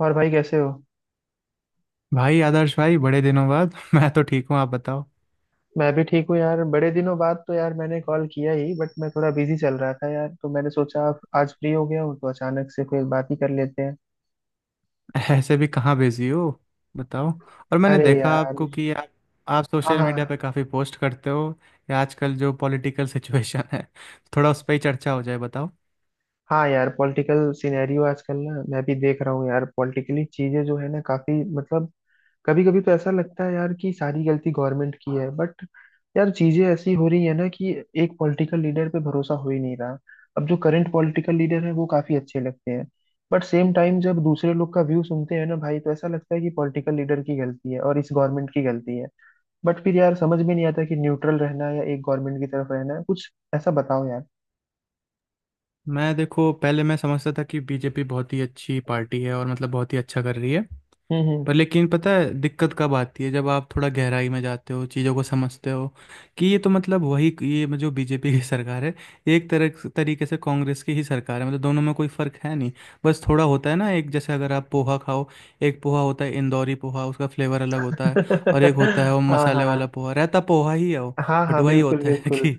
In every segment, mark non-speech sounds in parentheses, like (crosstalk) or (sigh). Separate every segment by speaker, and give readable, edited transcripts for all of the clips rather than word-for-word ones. Speaker 1: और भाई कैसे हो?
Speaker 2: भाई आदर्श भाई बड़े दिनों बाद (laughs) मैं तो ठीक हूँ। आप बताओ।
Speaker 1: मैं भी ठीक हूँ यार, बड़े दिनों बाद। तो यार मैंने कॉल किया ही, बट मैं थोड़ा बिजी चल रहा था यार, तो मैंने सोचा आप आज फ्री हो गया हूँ तो अचानक से कोई बात ही कर लेते हैं।
Speaker 2: ऐसे भी कहाँ बिजी हो? बताओ। और मैंने
Speaker 1: अरे
Speaker 2: देखा
Speaker 1: यार,
Speaker 2: आपको कि आप
Speaker 1: हाँ
Speaker 2: सोशल
Speaker 1: हाँ।
Speaker 2: मीडिया पे काफ़ी पोस्ट करते हो, या आजकल जो पॉलिटिकल सिचुएशन है, थोड़ा उस पर ही चर्चा हो जाए, बताओ।
Speaker 1: हाँ यार, पॉलिटिकल सिनेरियो आजकल ना मैं भी देख रहा हूँ यार, पॉलिटिकली चीजें जो है ना काफी मतलब कभी कभी तो ऐसा लगता है यार कि सारी गलती गवर्नमेंट की है। बट यार चीजें ऐसी हो रही है ना कि एक पॉलिटिकल लीडर पे भरोसा हो ही नहीं रहा। अब जो करंट पॉलिटिकल लीडर है वो काफी अच्छे लगते हैं, बट सेम टाइम जब दूसरे लोग का व्यू सुनते हैं ना भाई, तो ऐसा लगता है कि पॉलिटिकल लीडर की गलती है और इस गवर्नमेंट की गलती है। बट फिर यार समझ में नहीं आता कि न्यूट्रल रहना है या एक गवर्नमेंट की तरफ रहना है, कुछ ऐसा बताओ यार।
Speaker 2: मैं, देखो, पहले मैं समझता था कि बीजेपी बहुत ही अच्छी पार्टी है और मतलब बहुत ही अच्छा कर रही है।
Speaker 1: हम्म।
Speaker 2: पर लेकिन पता है दिक्कत कब आती है, जब आप थोड़ा गहराई में जाते हो, चीज़ों को समझते हो कि ये तो मतलब वही, ये जो बीजेपी की (laughs) सरकार है, ये एक तरह तरीके से कांग्रेस की ही सरकार है। मतलब दोनों में कोई फ़र्क है नहीं। बस थोड़ा होता है ना, एक जैसे अगर आप पोहा खाओ, एक पोहा होता है इंदौरी पोहा, उसका फ्लेवर अलग होता है, और एक होता है
Speaker 1: (laughs)
Speaker 2: वो
Speaker 1: हाँ
Speaker 2: मसाले वाला
Speaker 1: हाँ।
Speaker 2: पोहा, रहता पोहा ही है वो।
Speaker 1: हाँ
Speaker 2: बट
Speaker 1: हाँ,
Speaker 2: वही
Speaker 1: बिल्कुल
Speaker 2: होता है (laughs)
Speaker 1: बिल्कुल।
Speaker 2: कि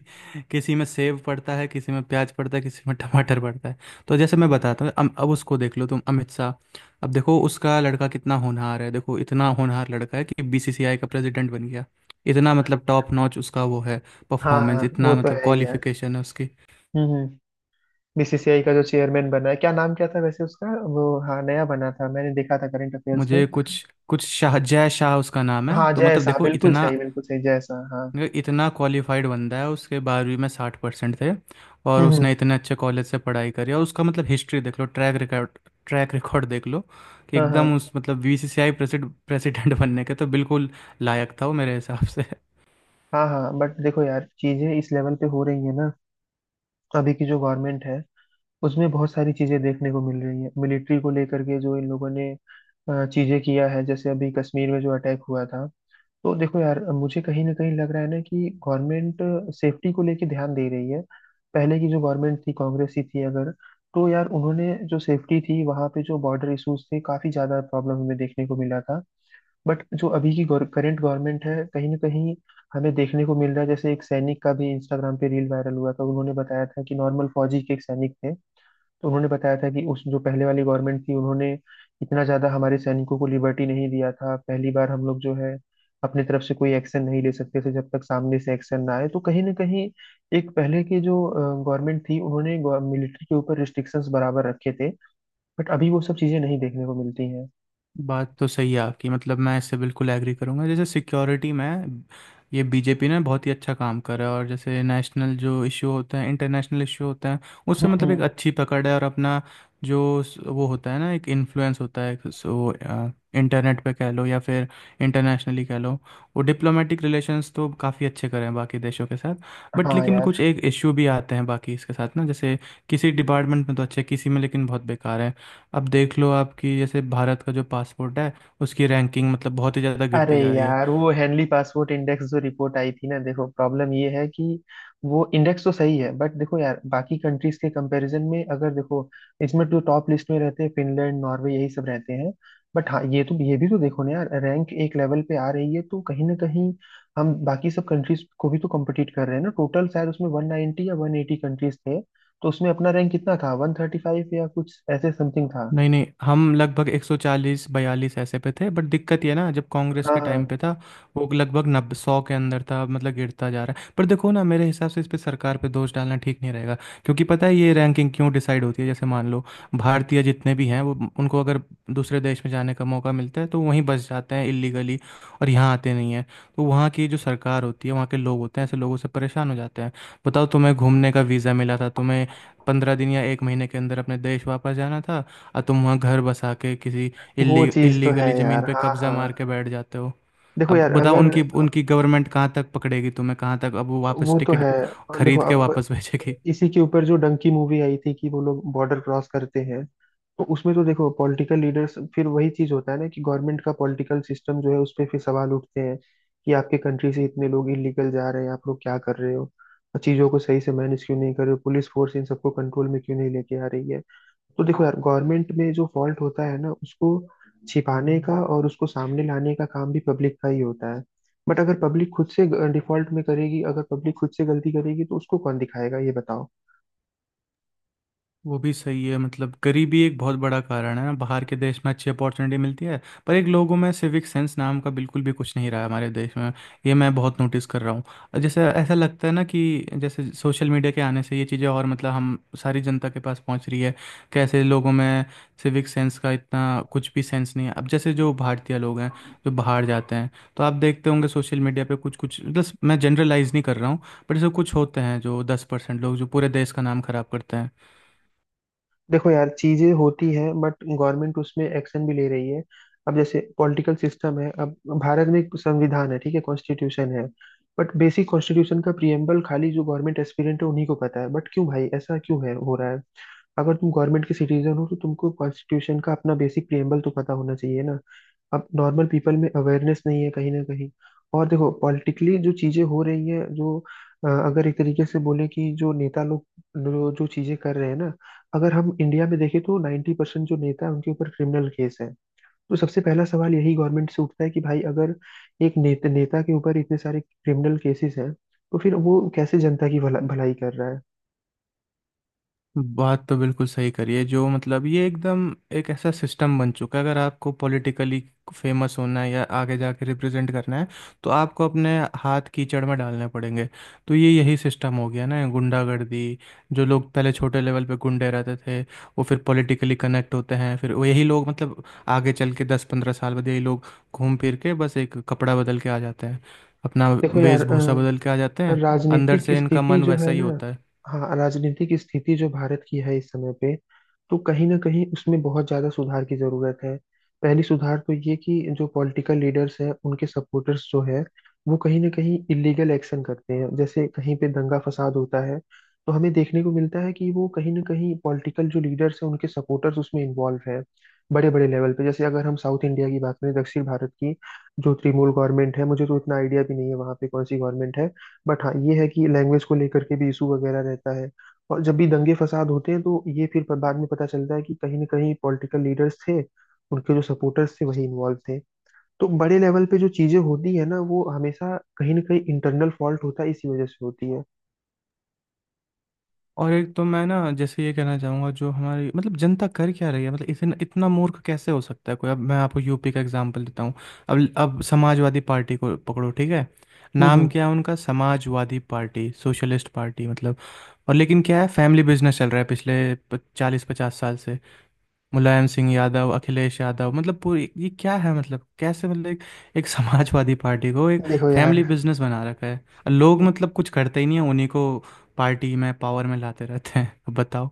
Speaker 2: किसी में सेव पड़ता है, किसी में प्याज पड़ता है, किसी में टमाटर पड़ता है। तो जैसे मैं बताता हूँ, अब उसको देख लो तुम, अमित शाह। अब देखो उसका लड़का कितना होनहार है, देखो इतना होनहार लड़का है कि बीसीसीआई का प्रेसिडेंट बन गया। इतना मतलब टॉप नॉच उसका वो है,
Speaker 1: हाँ हाँ,
Speaker 2: परफॉर्मेंस,
Speaker 1: वो
Speaker 2: इतना
Speaker 1: तो
Speaker 2: मतलब
Speaker 1: है ही यार।
Speaker 2: क्वालिफिकेशन है उसकी।
Speaker 1: हम्म। बीसीसीआई का जो चेयरमैन बना है, क्या नाम क्या था वैसे उसका? वो हाँ, नया बना था, मैंने देखा था करंट अफेयर्स में।
Speaker 2: मुझे कुछ कुछ शाह, जय शाह उसका नाम है।
Speaker 1: हाँ
Speaker 2: तो
Speaker 1: जय
Speaker 2: मतलब
Speaker 1: शाह,
Speaker 2: देखो,
Speaker 1: बिल्कुल
Speaker 2: इतना
Speaker 1: सही बिल्कुल सही, जय शाह हाँ।
Speaker 2: इतना क्वालिफाइड बंदा है, उसके 12वीं में 60% थे। और
Speaker 1: हम्म।
Speaker 2: उसने इतने अच्छे कॉलेज से पढ़ाई करी, और उसका मतलब हिस्ट्री देख लो, ट्रैक रिकॉर्ड। ट्रैक रिकॉर्ड देख लो कि
Speaker 1: हाँ हाँ।
Speaker 2: एकदम उस मतलब बीसीसीआई प्रेसिडेंट प्रेसिडेंट (laughs) बनने के तो बिल्कुल लायक था वो मेरे हिसाब से।
Speaker 1: हाँ हाँ, बट देखो यार चीजें इस लेवल पे हो रही है ना। अभी की जो गवर्नमेंट है उसमें बहुत सारी चीजें देखने को मिल रही है मिलिट्री को लेकर के, जो इन लोगों ने चीजें किया है, जैसे अभी कश्मीर में जो अटैक हुआ था। तो देखो यार मुझे कहीं ना कहीं लग रहा है ना कि गवर्नमेंट सेफ्टी को लेके ध्यान दे रही है। पहले की जो गवर्नमेंट थी, कांग्रेस की थी अगर, तो यार उन्होंने जो सेफ्टी थी, वहाँ पे जो बॉर्डर इश्यूज थे, काफी ज्यादा प्रॉब्लम हमें देखने को मिला था। बट जो अभी की करंट गवर्नमेंट है कहीं ना कहीं हमें देखने को मिल रहा है, जैसे एक सैनिक का भी इंस्टाग्राम पे रील वायरल हुआ था, उन्होंने बताया था कि नॉर्मल फौजी के एक सैनिक थे, तो उन्होंने बताया था कि उस जो पहले वाली गवर्नमेंट थी उन्होंने इतना ज्यादा हमारे सैनिकों को लिबर्टी नहीं दिया था। पहली बार हम लोग जो है अपनी तरफ से कोई एक्शन नहीं ले सकते थे जब तक सामने से एक्शन ना आए, तो कहीं ना कहीं एक पहले की जो गवर्नमेंट थी उन्होंने मिलिट्री के ऊपर रिस्ट्रिक्शंस बराबर रखे थे, बट अभी वो सब चीजें नहीं देखने को मिलती हैं।
Speaker 2: बात तो सही है आपकी। मतलब मैं इससे बिल्कुल एग्री करूंगा। जैसे सिक्योरिटी में ये बीजेपी ने बहुत ही अच्छा काम करा है, और जैसे नेशनल जो इशू होते हैं, इंटरनेशनल इशू होते हैं,
Speaker 1: हम्म
Speaker 2: उससे मतलब एक
Speaker 1: हम्म।
Speaker 2: अच्छी पकड़ है, और अपना जो वो होता है ना, एक इन्फ्लुएंस होता है, सो इंटरनेट पे कह लो या फिर इंटरनेशनली कह लो, वो डिप्लोमेटिक रिलेशंस तो काफ़ी अच्छे करे हैं बाकी देशों के साथ। बट
Speaker 1: हाँ
Speaker 2: लेकिन कुछ
Speaker 1: यार।
Speaker 2: एक इशू भी आते हैं बाकी इसके साथ ना, जैसे किसी डिपार्टमेंट में तो अच्छे, किसी में लेकिन बहुत बेकार है। अब देख लो आपकी जैसे भारत का जो पासपोर्ट है, उसकी रैंकिंग मतलब बहुत ही ज़्यादा
Speaker 1: अरे
Speaker 2: गिरती जा रही है।
Speaker 1: यार वो हेनली पासपोर्ट इंडेक्स जो रिपोर्ट आई थी ना, देखो प्रॉब्लम ये है कि वो इंडेक्स तो सही है, बट देखो यार बाकी कंट्रीज के कंपैरिजन में अगर देखो, इसमें तो टॉप लिस्ट में रहते हैं फिनलैंड नॉर्वे यही सब रहते हैं। बट हाँ ये तो, ये भी तो देखो ना यार, रैंक एक लेवल पे आ रही है तो कहीं ना कहीं हम बाकी सब कंट्रीज को भी तो कम्पिटिट कर रहे हैं ना। टोटल शायद उसमें वन नाइनटी या वन एटी कंट्रीज थे, तो उसमें अपना रैंक कितना था, वन थर्टी फाइव या कुछ ऐसे समथिंग था।
Speaker 2: नहीं नहीं, हम लगभग 140 42 ऐसे पे थे। बट दिक्कत ये है ना, जब कांग्रेस
Speaker 1: हाँ
Speaker 2: के टाइम
Speaker 1: हाँ,
Speaker 2: पे था वो लगभग नब्बे सौ के अंदर था। अब मतलब गिरता जा रहा है। पर देखो ना, मेरे हिसाब से इस पे, सरकार पे दोष डालना ठीक नहीं रहेगा। क्योंकि पता है ये रैंकिंग क्यों डिसाइड होती है? जैसे मान लो, भारतीय जितने भी हैं, वो उनको अगर दूसरे देश में जाने का मौका मिलता है, तो वहीं बस जाते हैं इलीगली, और यहाँ आते नहीं हैं। तो वहाँ की जो सरकार होती है, वहाँ के लोग होते हैं, ऐसे लोगों से परेशान हो जाते हैं। बताओ, तुम्हें घूमने का वीज़ा मिला था, तुम्हें 15 दिन या एक महीने के अंदर अपने देश वापस जाना था, और तुम वहाँ घर बसा के किसी
Speaker 1: वो चीज तो है
Speaker 2: इल्लीगली ज़मीन
Speaker 1: यार।
Speaker 2: पे
Speaker 1: हाँ
Speaker 2: कब्ज़ा
Speaker 1: हाँ,
Speaker 2: मार के बैठ जाते हो।
Speaker 1: देखो
Speaker 2: अब
Speaker 1: यार
Speaker 2: बताओ,
Speaker 1: अगर।
Speaker 2: उनकी उनकी गवर्नमेंट कहाँ तक पकड़ेगी तुम्हें, कहाँ तक अब वो वापस
Speaker 1: वो तो
Speaker 2: टिकट
Speaker 1: है। और देखो
Speaker 2: खरीद के
Speaker 1: अब
Speaker 2: वापस (laughs) भेजेगी।
Speaker 1: इसी के ऊपर जो डंकी मूवी आई थी कि वो लोग बॉर्डर क्रॉस करते हैं, तो उसमें तो देखो पॉलिटिकल लीडर्स फिर वही चीज होता है ना कि गवर्नमेंट का पॉलिटिकल सिस्टम जो है उस पर फिर सवाल उठते हैं कि आपके कंट्री से इतने लोग इलीगल जा रहे हैं, आप लोग क्या कर रहे हो और चीजों को सही से मैनेज क्यों नहीं कर रहे हो, पुलिस फोर्स इन सबको कंट्रोल में क्यों नहीं लेके आ रही है। तो देखो यार गवर्नमेंट में जो फॉल्ट होता है ना उसको छिपाने का और उसको सामने लाने का काम भी पब्लिक का ही होता है। बट अगर पब्लिक खुद से डिफॉल्ट में करेगी, अगर पब्लिक खुद से गलती करेगी तो उसको कौन दिखाएगा, ये बताओ।
Speaker 2: वो भी सही है। मतलब गरीबी एक बहुत बड़ा कारण है ना, बाहर के देश में अच्छी अपॉर्चुनिटी मिलती है। पर एक लोगों में सिविक सेंस नाम का बिल्कुल भी कुछ नहीं रहा है हमारे देश में, ये मैं बहुत नोटिस कर रहा हूँ। और जैसे ऐसा लगता है ना कि जैसे सोशल मीडिया के आने से ये चीज़ें, और मतलब हम, सारी जनता के पास पहुँच रही है कैसे लोगों में सिविक सेंस का इतना कुछ भी सेंस नहीं है। अब जैसे जो भारतीय लोग हैं जो बाहर जाते हैं, तो आप देखते होंगे सोशल मीडिया पे कुछ कुछ, मतलब मैं जनरलाइज नहीं कर रहा हूँ, पर जैसे कुछ होते हैं जो 10% लोग जो पूरे देश का नाम खराब करते हैं।
Speaker 1: देखो यार चीजें होती हैं बट गवर्नमेंट उसमें एक्शन भी ले रही है। अब जैसे पॉलिटिकल सिस्टम है, अब भारत में एक संविधान है, ठीक है, कॉन्स्टिट्यूशन है। बट बेसिक कॉन्स्टिट्यूशन का प्रिएम्बल खाली जो गवर्नमेंट एस्पिरेंट है उन्हीं को पता है, बट क्यों भाई, ऐसा क्यों है हो रहा है? अगर तुम गवर्नमेंट के सिटीजन हो तो तुमको कॉन्स्टिट्यूशन का अपना बेसिक प्रिएम्बल तो पता होना चाहिए ना। अब नॉर्मल पीपल में अवेयरनेस नहीं है कहीं ना कहीं। और देखो पॉलिटिकली जो चीजें हो रही है जो अगर एक तरीके से बोले कि जो नेता लोग जो जो चीजें कर रहे हैं ना, अगर हम इंडिया में देखें तो 90% परसेंट जो नेता है उनके ऊपर क्रिमिनल केस है। तो सबसे पहला सवाल यही गवर्नमेंट से उठता है कि भाई अगर एक नेता नेता के ऊपर इतने सारे क्रिमिनल केसेस हैं तो फिर वो कैसे जनता की भलाई कर रहा है?
Speaker 2: बात तो बिल्कुल सही करी है जो, मतलब ये एकदम एक ऐसा सिस्टम बन चुका है। अगर आपको पॉलिटिकली फेमस होना है या आगे जाके रिप्रेजेंट करना है, तो आपको अपने हाथ कीचड़ में डालने पड़ेंगे। तो ये यही सिस्टम हो गया ना, गुंडागर्दी। जो लोग पहले छोटे लेवल पे गुंडे रहते थे, वो फिर पॉलिटिकली कनेक्ट होते हैं, फिर वो यही लोग, मतलब आगे चल के 10-15 साल बाद यही लोग घूम फिर के बस एक कपड़ा बदल के आ जाते हैं, अपना
Speaker 1: देखो यार
Speaker 2: वेशभूषा बदल के आ जाते हैं। अंदर
Speaker 1: राजनीतिक
Speaker 2: से इनका
Speaker 1: स्थिति
Speaker 2: मन
Speaker 1: जो
Speaker 2: वैसा
Speaker 1: है
Speaker 2: ही
Speaker 1: ना,
Speaker 2: होता है।
Speaker 1: हाँ राजनीतिक स्थिति जो भारत की है इस समय पे, तो कहीं ना कहीं उसमें बहुत ज्यादा सुधार की जरूरत है। पहली सुधार तो ये कि जो पॉलिटिकल लीडर्स हैं उनके सपोर्टर्स जो है वो कहीं ना कहीं इलीगल एक्शन करते हैं, जैसे कहीं पे दंगा फसाद होता है तो हमें देखने को मिलता है कि वो कहीं ना कहीं पॉलिटिकल जो लीडर्स हैं उनके सपोर्टर्स उसमें इन्वॉल्व हैं। बड़े बड़े लेवल पे जैसे अगर हम साउथ इंडिया की बात करें, दक्षिण भारत की, जो तृणमूल गवर्नमेंट है, मुझे तो इतना आइडिया भी नहीं है वहाँ पे कौन सी गवर्नमेंट है, बट हाँ ये है कि लैंग्वेज को लेकर के भी इशू वगैरह रहता है और जब भी दंगे फसाद होते हैं तो ये फिर बाद में पता चलता है कि कहीं ना कहीं पॉलिटिकल लीडर्स थे, उनके जो सपोर्टर्स थे वही इन्वॉल्व थे। तो बड़े लेवल पे जो चीजें होती है ना वो हमेशा कहीं ना कहीं इंटरनल फॉल्ट होता है, इसी वजह से होती है।
Speaker 2: और एक तो मैं ना जैसे ये कहना चाहूँगा, जो हमारी मतलब जनता कर क्या रही है, मतलब इतना इतना मूर्ख कैसे हो सकता है कोई। अब मैं आपको यूपी का एग्जांपल देता हूँ। अब समाजवादी पार्टी को पकड़ो, ठीक है, नाम
Speaker 1: हम्म।
Speaker 2: क्या है उनका? समाजवादी पार्टी, सोशलिस्ट पार्टी, मतलब। और लेकिन क्या है? फैमिली बिजनेस चल रहा है पिछले 40-50 साल से। मुलायम सिंह यादव, अखिलेश यादव, मतलब पूरी, ये क्या है? मतलब कैसे? मतलब एक समाजवादी पार्टी को एक
Speaker 1: देखो यार,
Speaker 2: फैमिली बिजनेस बना रखा है, और लोग मतलब कुछ करते ही नहीं है। उन्हीं को पार्टी में, पावर में लाते रहते हैं। अब बताओ।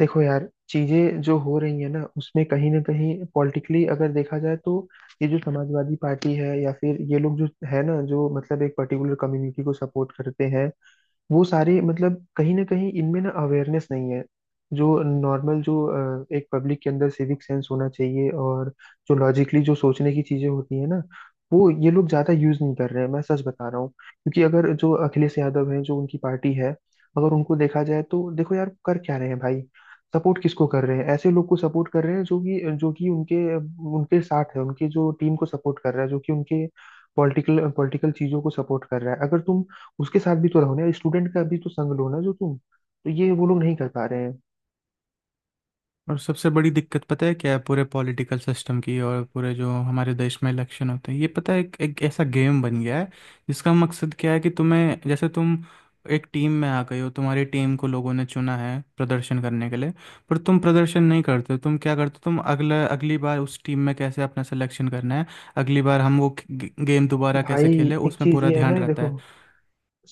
Speaker 1: देखो यार चीजें जो हो रही है ना उसमें कहीं ना कहीं पॉलिटिकली अगर देखा जाए तो, ये जो समाजवादी पार्टी है या फिर ये लोग जो है ना, जो मतलब एक पर्टिकुलर कम्युनिटी को सपोर्ट करते हैं, वो सारे मतलब कहीं ना कहीं इनमें ना अवेयरनेस नहीं है। जो नॉर्मल जो एक पब्लिक के अंदर सिविक सेंस होना चाहिए और जो लॉजिकली जो सोचने की चीजें होती है ना वो ये लोग ज्यादा यूज नहीं कर रहे हैं, मैं सच बता रहा हूँ, क्योंकि अगर जो अखिलेश यादव हैं, जो उनकी पार्टी है, अगर उनको देखा जाए तो देखो यार कर क्या रहे हैं भाई। सपोर्ट किसको कर रहे हैं, ऐसे लोग को सपोर्ट कर रहे हैं जो कि उनके उनके साथ है, उनके जो टीम को सपोर्ट कर रहा है, जो कि उनके पॉलिटिकल पॉलिटिकल चीजों को सपोर्ट कर रहा है। अगर तुम उसके साथ भी तो रहो ना यार, स्टूडेंट का भी तो संग लो ना, जो तुम, तो ये वो लोग नहीं कर पा रहे हैं।
Speaker 2: और सबसे बड़ी दिक्कत पता है क्या है पूरे पॉलिटिकल सिस्टम की? और पूरे जो हमारे देश में इलेक्शन होते हैं, ये पता है एक ऐसा गेम बन गया है जिसका मकसद क्या है कि तुम्हें, जैसे तुम एक टीम में आ गए हो, तुम्हारी टीम को लोगों ने चुना है प्रदर्शन करने के लिए, पर तुम प्रदर्शन नहीं करते हो, तुम क्या करते हो, तुम अगला अगली बार उस टीम में कैसे अपना सिलेक्शन करना है, अगली बार हम वो गेम दोबारा कैसे
Speaker 1: भाई
Speaker 2: खेले,
Speaker 1: एक
Speaker 2: उसमें
Speaker 1: चीज
Speaker 2: पूरा
Speaker 1: ये है
Speaker 2: ध्यान
Speaker 1: ना
Speaker 2: रहता
Speaker 1: देखो,
Speaker 2: है।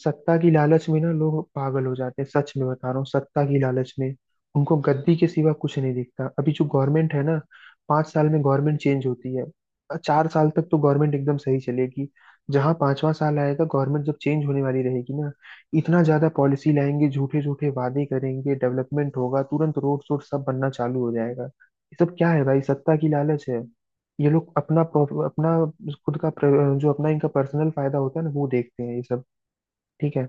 Speaker 1: सत्ता की लालच में ना लोग पागल हो जाते हैं, सच में बता रहा हूँ। सत्ता की लालच में उनको गद्दी के सिवा कुछ नहीं दिखता। अभी जो गवर्नमेंट है ना, पांच साल में गवर्नमेंट चेंज होती है, चार साल तक तो गवर्नमेंट एकदम सही चलेगी, जहां पांचवा साल आएगा गवर्नमेंट जब चेंज होने वाली रहेगी ना, इतना ज्यादा पॉलिसी लाएंगे, झूठे झूठे वादे करेंगे, डेवलपमेंट होगा तुरंत, रोड शोड सब बनना चालू हो जाएगा। ये सब क्या है भाई, सत्ता की लालच है। ये लोग अपना अपना खुद का जो अपना इनका पर्सनल फायदा होता है ना वो देखते हैं ये सब। ठीक है।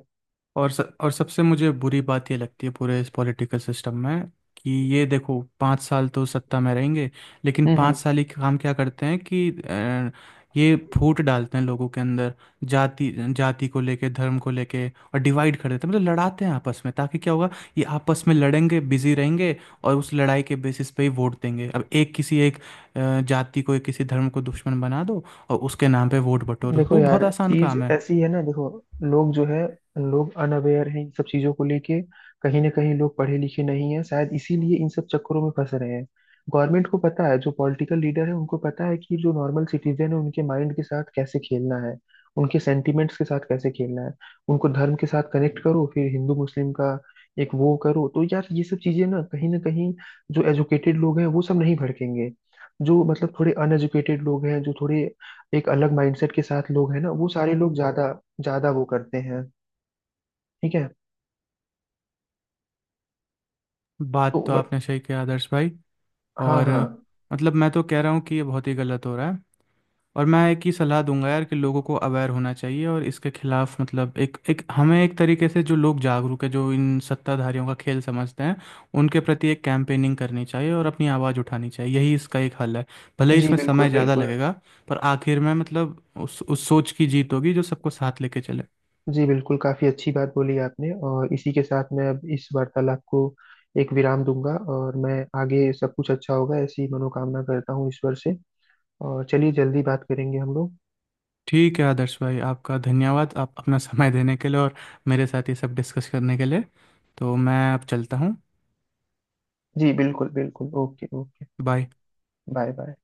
Speaker 2: और सबसे मुझे बुरी बात ये लगती है पूरे इस पॉलिटिकल सिस्टम में कि ये देखो 5 साल तो सत्ता में रहेंगे, लेकिन
Speaker 1: हम्म
Speaker 2: पाँच
Speaker 1: हम्म।
Speaker 2: साल ही काम क्या करते हैं कि ये फूट डालते हैं लोगों के अंदर, जाति, जाति को लेके धर्म को लेके, और डिवाइड कर देते हैं। मतलब लड़ाते हैं आपस में ताकि क्या होगा, ये आपस में लड़ेंगे, बिजी रहेंगे, और उस लड़ाई के बेसिस पे ही वोट देंगे। अब एक किसी एक जाति को, एक किसी धर्म को दुश्मन बना दो, और उसके नाम पे वोट बटोरो,
Speaker 1: देखो
Speaker 2: वो
Speaker 1: यार
Speaker 2: बहुत आसान
Speaker 1: चीज
Speaker 2: काम है।
Speaker 1: ऐसी है ना, देखो लोग जो है, लोग अनअवेयर हैं इन सब चीजों को लेके, कहीं ना कहीं लोग पढ़े लिखे नहीं है शायद, इसीलिए इन सब चक्करों में फंस रहे हैं। गवर्नमेंट को पता है, जो पॉलिटिकल लीडर है उनको पता है कि जो नॉर्मल सिटीजन है उनके माइंड के साथ कैसे खेलना है, उनके सेंटिमेंट्स के साथ कैसे खेलना है। उनको धर्म के साथ कनेक्ट करो, फिर हिंदू मुस्लिम का एक वो करो, तो यार ये सब चीजें ना कहीं ना कहीं, जो एजुकेटेड लोग हैं वो सब नहीं भड़केंगे, जो मतलब थोड़े अनएजुकेटेड लोग हैं, जो थोड़े एक अलग माइंडसेट के साथ लोग हैं ना, वो सारे लोग ज्यादा ज्यादा वो करते हैं। ठीक है, तो
Speaker 2: बात तो आपने सही किया आदर्श भाई।
Speaker 1: हाँ
Speaker 2: और
Speaker 1: हाँ।
Speaker 2: मतलब मैं तो कह रहा हूँ कि ये बहुत ही गलत हो रहा है, और मैं एक ही सलाह दूंगा यार कि लोगों को अवेयर होना चाहिए, और इसके खिलाफ मतलब एक एक हमें एक तरीके से, जो लोग जागरूक है, जो इन सत्ताधारियों का खेल समझते हैं, उनके प्रति एक कैंपेनिंग करनी चाहिए और अपनी आवाज़ उठानी चाहिए। यही इसका एक हल है। भले ही
Speaker 1: जी
Speaker 2: इसमें
Speaker 1: बिल्कुल
Speaker 2: समय ज़्यादा
Speaker 1: बिल्कुल।
Speaker 2: लगेगा, पर आखिर में मतलब उस सोच की जीत होगी जो सबको साथ लेके चले।
Speaker 1: जी बिल्कुल, काफी अच्छी बात बोली आपने, और इसी के साथ मैं अब इस वार्तालाप को एक विराम दूंगा, और मैं आगे सब कुछ अच्छा होगा ऐसी मनोकामना करता हूँ ईश्वर से, और चलिए जल्दी बात करेंगे हम लोग।
Speaker 2: ठीक है आदर्श भाई, आपका धन्यवाद आप अपना समय देने के लिए, और मेरे साथ ये सब डिस्कस करने के लिए। तो मैं अब चलता हूँ।
Speaker 1: जी बिल्कुल बिल्कुल, okay okay.
Speaker 2: Bye.
Speaker 1: Bye bye.